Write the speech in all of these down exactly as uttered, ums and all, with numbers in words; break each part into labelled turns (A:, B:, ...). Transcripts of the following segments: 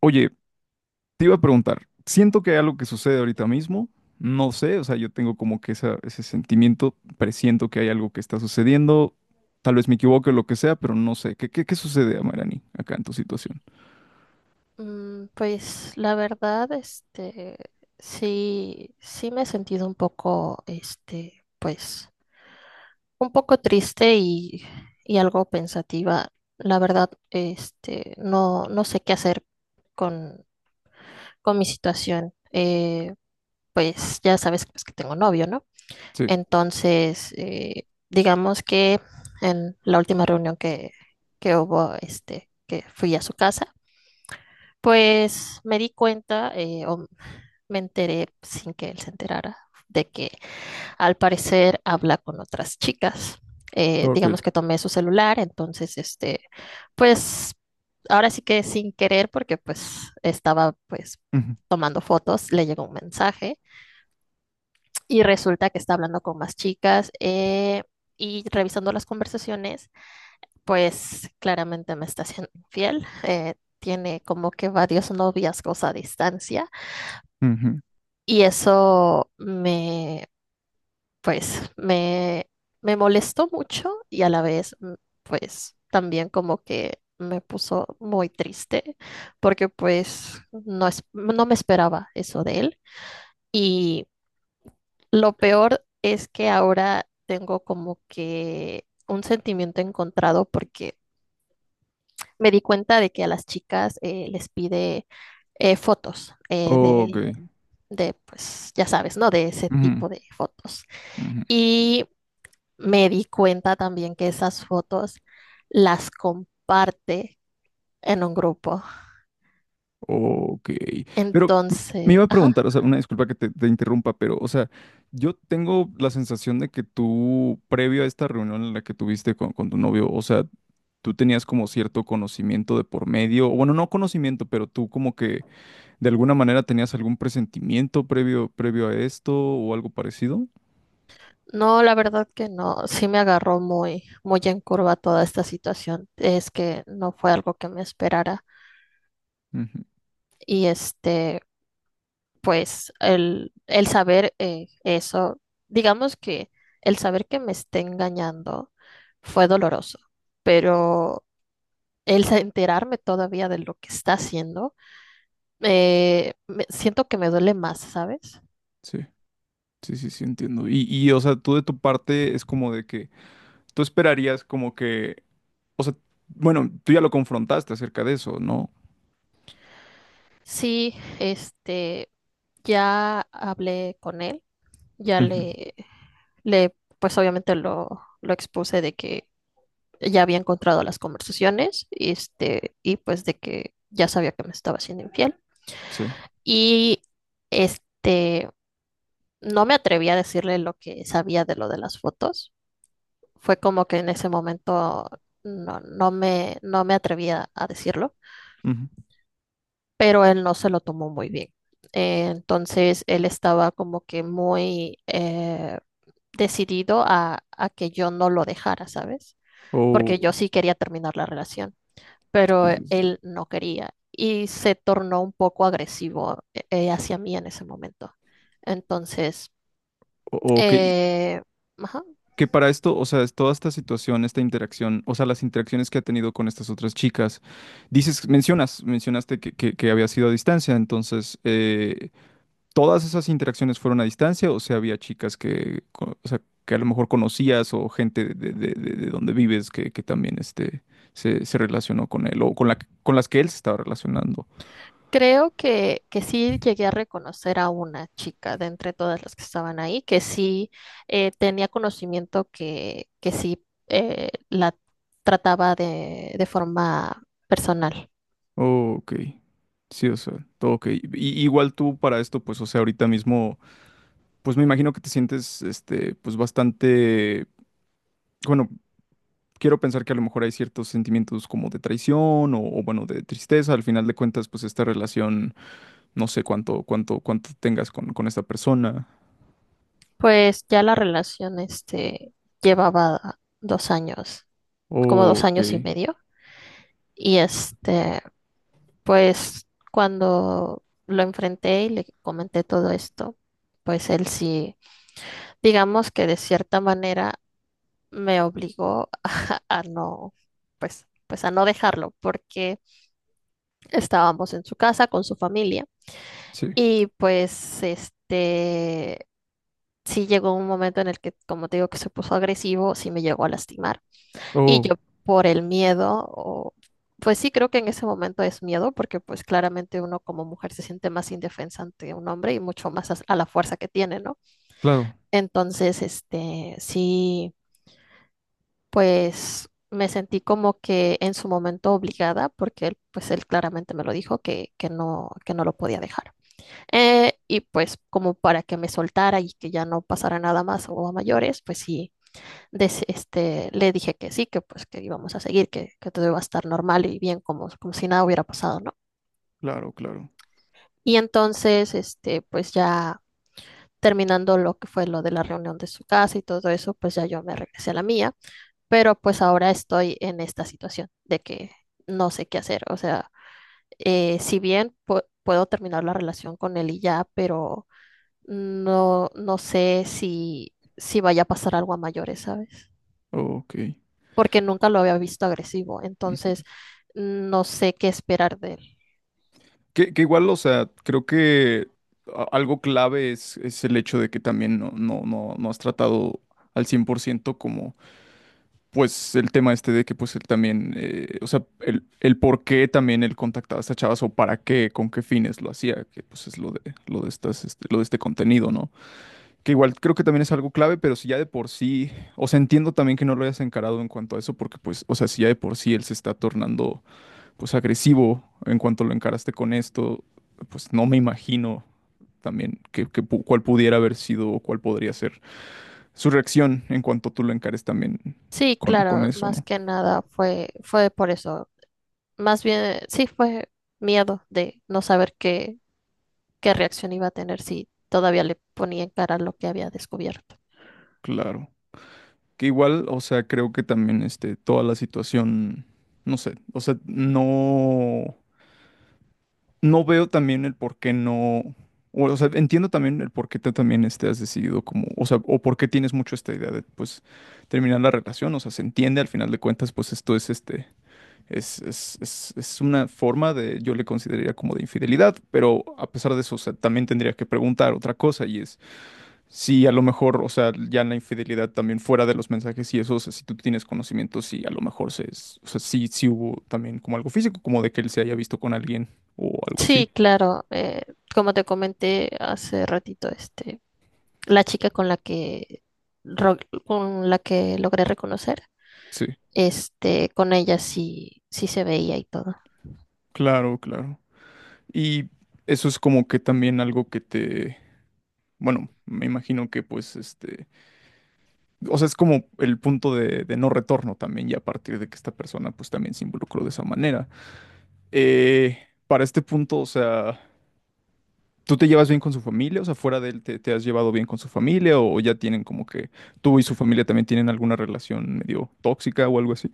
A: Oye, te iba a preguntar, siento que hay algo que sucede ahorita mismo, no sé, o sea, yo tengo como que esa- ese sentimiento, presiento que hay algo que está sucediendo, tal vez me equivoque o lo que sea, pero no sé, ¿qué, qué, qué sucede, Amarani, acá en tu situación?
B: Mm, Pues la verdad, este, sí, sí me he sentido un poco, este, pues, un poco triste y, y algo pensativa. La verdad, este, no, no sé qué hacer con, con mi situación. Eh, pues ya sabes pues, que tengo novio, ¿no?
A: Sí,
B: Entonces, eh, digamos que en la última reunión que, que hubo, este, que fui a su casa, pues me di cuenta eh, o me enteré sin que él se enterara de que al parecer habla con otras chicas. Eh,
A: ok.
B: digamos que tomé su celular, entonces, este, pues ahora sí que sin querer, porque pues estaba pues
A: Ujú,
B: tomando fotos, le llegó un mensaje y resulta que está hablando con más chicas eh, y revisando las conversaciones, pues claramente me está siendo infiel. Eh, tiene como que varios noviazgos a distancia
A: ujú.
B: y eso me, pues, me, me molestó mucho y a la vez, mm, pues, también como que me puso muy triste porque pues no, es, no me esperaba eso de él y lo peor es que ahora tengo como que un sentimiento encontrado porque me di cuenta de que a las chicas eh, les pide eh, fotos eh,
A: Ok.
B: de, de, pues ya sabes, ¿no? De ese
A: Ujú,
B: tipo de fotos.
A: ujú.
B: Y me di cuenta también que esas fotos las comparte en un grupo.
A: Ok, pero m- me
B: Entonces,
A: iba a
B: ajá.
A: preguntar, o sea, una disculpa que te, te interrumpa, pero, o sea, yo tengo la sensación de que tú, previo a esta reunión en la que tuviste con, con tu novio, o sea, tú tenías como cierto conocimiento de por medio, o bueno, no conocimiento, pero tú como que de alguna manera tenías algún presentimiento previo, previo a esto o algo parecido.
B: No, la verdad que no. Sí me agarró muy, muy en curva toda esta situación. Es que no fue algo que me esperara.
A: Ujú,
B: Y este, pues el, el saber eh, eso, digamos que el saber que me esté engañando fue doloroso, pero el sa- enterarme todavía de lo que está haciendo, eh, me- siento que me duele más, ¿sabes?
A: sí, sí, sí, sí, entiendo. Y, y, o sea, tú de tu parte es como de que tú esperarías como que, o sea, bueno, tú ya lo confrontaste acerca de eso, ¿no?
B: Sí, este, ya hablé con él, ya
A: Ujú,
B: le le, pues obviamente lo, lo expuse de que ya había encontrado las conversaciones, este, y pues de que ya sabía que me estaba siendo infiel.
A: sí.
B: Y este, no me atreví a decirle lo que sabía de lo de las fotos. Fue como que en ese momento no, no me, no me atrevía a decirlo,
A: Ujú.
B: pero él no se lo tomó muy bien. Eh, entonces él estaba como que muy eh, decidido a, a que yo no lo dejara, ¿sabes?
A: O,
B: Porque yo sí quería terminar la relación, pero
A: sí, sí, sí.
B: él no quería y se tornó un poco agresivo eh, eh, hacia mí en ese momento. Entonces,
A: O- o que,
B: eh, ajá,
A: que para esto, o sea, es toda esta situación, esta interacción, o sea, las interacciones que ha tenido con estas otras chicas, dices, mencionas, mencionaste que, que, que había sido a distancia, entonces, eh, ¿todas esas interacciones fueron a distancia o sea, había chicas que, co- o sea, que a lo mejor conocías o gente de, de, de- de- de donde vives que, que también este, se, se relacionó con él o con la, con las que él se estaba relacionando?
B: creo que, que sí llegué a reconocer a una chica de entre todas las que estaban ahí, que sí eh, tenía conocimiento que, que sí eh, la trataba de, de forma personal.
A: Ok, sí, o sea, todo ok. Y, igual tú para esto, pues, o sea, ahorita mismo, pues me imagino que te sientes, este, pues bastante, bueno, quiero pensar que a lo mejor hay ciertos sentimientos como de traición o, o, bueno, de tristeza. Al final de cuentas, pues esta relación, no sé cuánto, cuánto, cuánto tengas con, con esta persona.
B: Pues ya la relación este, llevaba dos años como dos
A: Ok,
B: años y medio. Y este, pues cuando lo enfrenté y le comenté todo esto, pues él sí, digamos que de cierta manera me obligó a, a no, pues, pues a no dejarlo, porque estábamos en su casa con su familia.
A: sí.
B: Y pues este, sí llegó un momento en el que, como te digo, que se puso agresivo, sí me llegó a lastimar. Y
A: Oh,
B: yo por el miedo, o, pues sí creo que en ese momento es miedo, porque pues claramente uno como mujer se siente más indefensa ante un hombre y mucho más as- a, la fuerza que tiene, ¿no?
A: claro,
B: Entonces, este, sí, pues me sentí como que en su momento obligada, porque él, pues él claramente me lo dijo que, que no, que no lo podía dejar. Eh, y pues como para que me soltara y que ya no pasara nada más o a mayores, pues sí des- este, le dije que sí, que pues que íbamos a seguir, que, que todo iba a estar normal y bien, como, como si nada hubiera pasado, ¿no?
A: claro, claro.
B: Y entonces, este, pues ya terminando lo que fue lo de la reunión de su casa y todo eso, pues ya yo me regresé a la mía, pero pues ahora estoy en esta situación de que no sé qué hacer, o sea, eh, si bien pu- puedo terminar la relación con él y ya, pero no, no sé si, si vaya a pasar algo a mayores, ¿sabes?
A: Ok.
B: Porque nunca lo había visto agresivo, entonces no sé qué esperar de él.
A: Que, que igual, o sea, creo que a- algo clave es, es el hecho de que también no, no, no, no has tratado al cien por ciento como, pues, el tema este de que, pues, él también, eh, o sea, el, el por qué también él contactaba a estas chavas o para qué, con qué fines lo hacía, que, pues, es lo de, lo de estas, este, lo de este contenido, ¿no? Que igual creo que también es algo clave, pero si ya de por sí, o sea, entiendo también que no lo hayas encarado en cuanto a eso, porque, pues, o sea, si ya de por sí él se está tornando pues agresivo en cuanto lo encaraste con esto, pues no me imagino también que, que pu- cuál pudiera haber sido o cuál podría ser su reacción en cuanto tú lo encares también
B: Sí,
A: con, con
B: claro,
A: eso,
B: más
A: ¿no?
B: que nada fue, fue por eso. Más bien, sí, fue miedo de no saber qué, qué reacción iba a tener si todavía le ponía en cara lo que había descubierto.
A: Claro. Que igual, o sea, creo que también este, toda la situación, no sé, o sea, no, no veo también el por qué no, o, o sea, entiendo también el por qué te también este, has decidido como, o sea, o por qué tienes mucho esta idea de, pues, terminar la relación, o sea, se entiende al final de cuentas, pues esto es este, es, es, es- es una forma de, yo le consideraría como de infidelidad, pero a pesar de eso, o sea, también tendría que preguntar otra cosa y es si a lo mejor, o sea, ya en la infidelidad también fuera de los mensajes y eso, o sea, si tú tienes conocimiento, si a lo mejor se es, o sea, sí, sí hubo también como algo físico, como de que él se haya visto con alguien o algo así.
B: Sí, claro. Eh, como te comenté hace ratito, este, la chica con la que ro- con la que logré reconocer,
A: Sí,
B: este, con ella sí, sí se veía y todo.
A: claro, claro. Y eso es como que también algo que te, bueno, me imagino que pues este, o sea, es como el punto de, de no retorno también, y a partir de que esta persona pues también se involucró de esa manera. Eh, para este punto, o sea, ¿tú te llevas bien con su familia? O sea, fuera de él, ¿te, te has llevado bien con su familia? ¿O ya tienen como que tú y su familia también tienen alguna relación medio tóxica o algo así?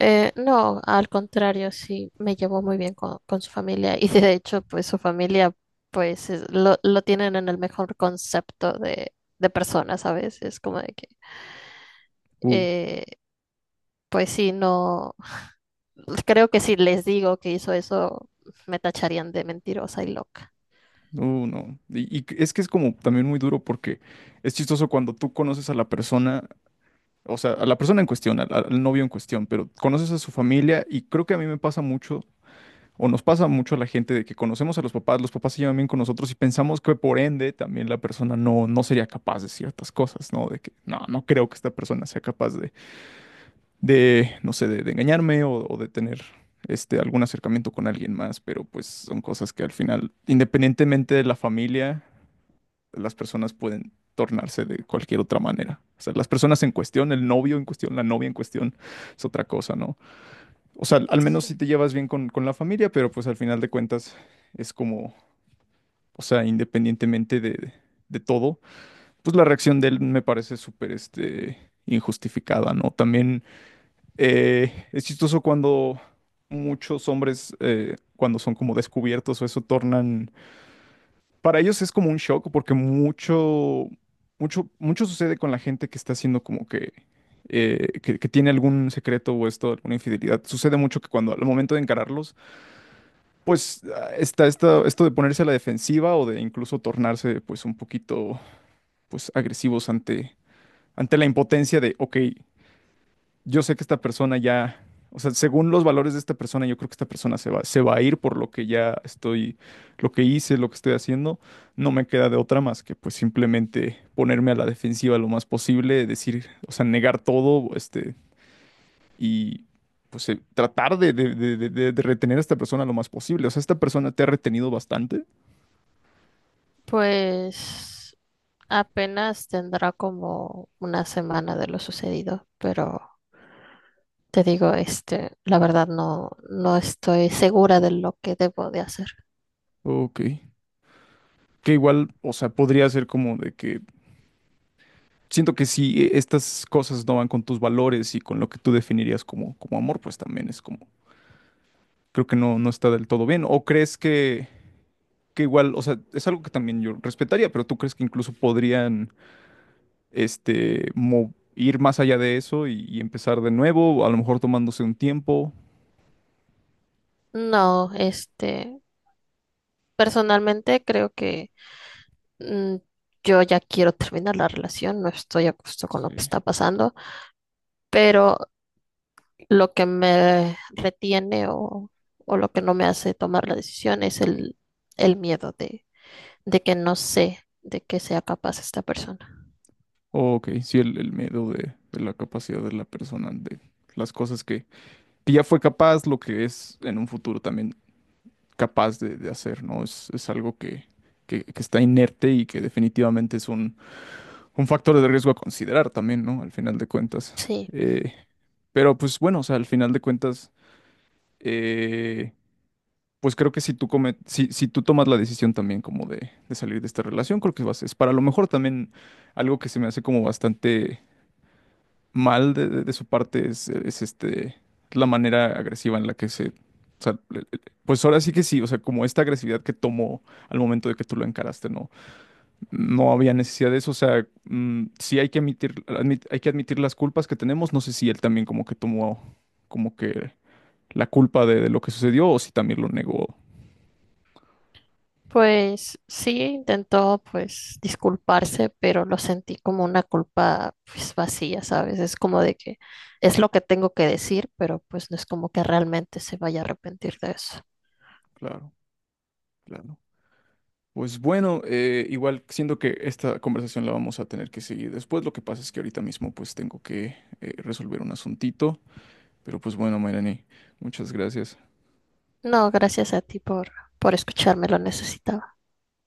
B: Eh, no, al contrario, sí me llevó muy bien con, con su familia y de hecho, pues su familia, pues es- lo, lo tienen en el mejor concepto de, de persona, ¿sabes? Es como de que
A: Uh,
B: eh, pues sí, no, creo que si les digo que hizo eso, me tacharían de mentirosa y loca.
A: no, no. Y, y es que es como también muy duro porque es chistoso cuando tú conoces a la persona. O sea, a la persona en cuestión, al, al novio en cuestión, pero conoces a su familia y creo que a mí me pasa mucho. O nos pasa mucho a la gente de que conocemos a los papás, los papás se llevan bien con nosotros y pensamos que por ende también la persona no, no sería capaz de ciertas cosas, ¿no? De que no, no creo que esta persona sea capaz de, de no sé, de, de engañarme o, o de tener este, algún acercamiento con alguien más, pero pues son cosas que al final, independientemente de la familia, las personas pueden tornarse de cualquier otra manera. O sea, las personas en cuestión, el novio en cuestión, la novia en cuestión, es otra cosa, ¿no? O sea, al menos
B: Sí.
A: si te llevas bien con, con la familia, pero pues al final de cuentas es como, o sea, independientemente de, de todo, pues la reacción de él me parece súper, este, injustificada, ¿no? También eh, es chistoso cuando muchos hombres, eh, cuando son como descubiertos o eso, tornan, para ellos es como un shock porque mucho, mucho, mucho sucede con la gente que está haciendo como que... eh, que, que tiene algún secreto o esto, alguna infidelidad. Sucede mucho que cuando al momento de encararlo pues ah, está, esta- esto de ponerse a la defensiva o de incluso tornarse pues un poquito pues agresivos ante, ante la impotencia de, ok, yo sé que esta persona ya, o sea, según los valores de esta persona, yo creo que esta persona se va, se va a ir por lo que ya estoy, lo que hice, lo que estoy haciendo, no me queda de otra más que pues simplemente ponerme a la defensiva lo más posible, decir, o sea, negar todo, este, y pues eh, tratar de, de de- de- de- de retener a esta persona lo más posible. O sea, esta persona te ha retenido bastante.
B: Pues apenas tendrá como una semana de lo sucedido, pero te digo, este, la verdad no, no estoy segura de lo que debo de hacer.
A: Ok. Que igual, o sea, podría ser como de que siento que si eh, estas cosas no van con tus valores y con lo que tú definirías como, como amor, pues también es como, creo que no, no está del todo bien. ¿O crees que, que igual, o sea, es algo que también yo respetaría, pero tú crees que incluso podrían, este, mo- ir más allá de eso y, y empezar de nuevo, a lo mejor tomándose un tiempo?
B: No, este, personalmente creo que mm, yo ya quiero terminar la relación, no estoy a gusto con lo
A: Sí.
B: que está pasando, pero lo que me retiene o, o lo que no me hace tomar la decisión es el, el miedo de, de que no sé de qué sea capaz esta persona.
A: Ok, sí, el, el miedo de, de la capacidad de la persona, de las cosas que que ya fue capaz, lo que es en un futuro también capaz de, de hacer, ¿no? Es, es algo que, que, que está inerte y que definitivamente es un, un factor de riesgo a considerar también, ¿no? Al final de cuentas.
B: Sí,
A: Eh, pero pues bueno, o sea, al final de cuentas, eh, pues creo que si tú, come- si, si tú tomas la decisión también como de, de salir de esta relación, creo que vas, es para lo mejor también, algo que se me hace como bastante... mal de, de- de su parte es, es, este, la manera agresiva en la que se... o sea, le- le- pues ahora sí que sí, o sea, como esta agresividad que tomó al momento de que tú lo encaraste, no, no había necesidad de eso, o sea, mm, sí hay que admitir, admit- hay que admitir las culpas que tenemos, no sé si él también como que tomó como que la culpa de, de lo que sucedió o si también lo negó.
B: pues sí, intentó pues disculparse, pero lo sentí como una culpa pues vacía, ¿sabes? Es como de que es lo que tengo que decir, pero pues no es como que realmente se vaya a arrepentir de eso.
A: Claro, claro. Pues bueno, eh, igual siento que esta conversación la vamos a tener que seguir después. Lo que pasa es que ahorita mismo pues tengo que eh, resolver un asuntito. Pero pues bueno, Mayrani, muchas gracias.
B: No, gracias a ti por, por escucharme, lo necesitaba.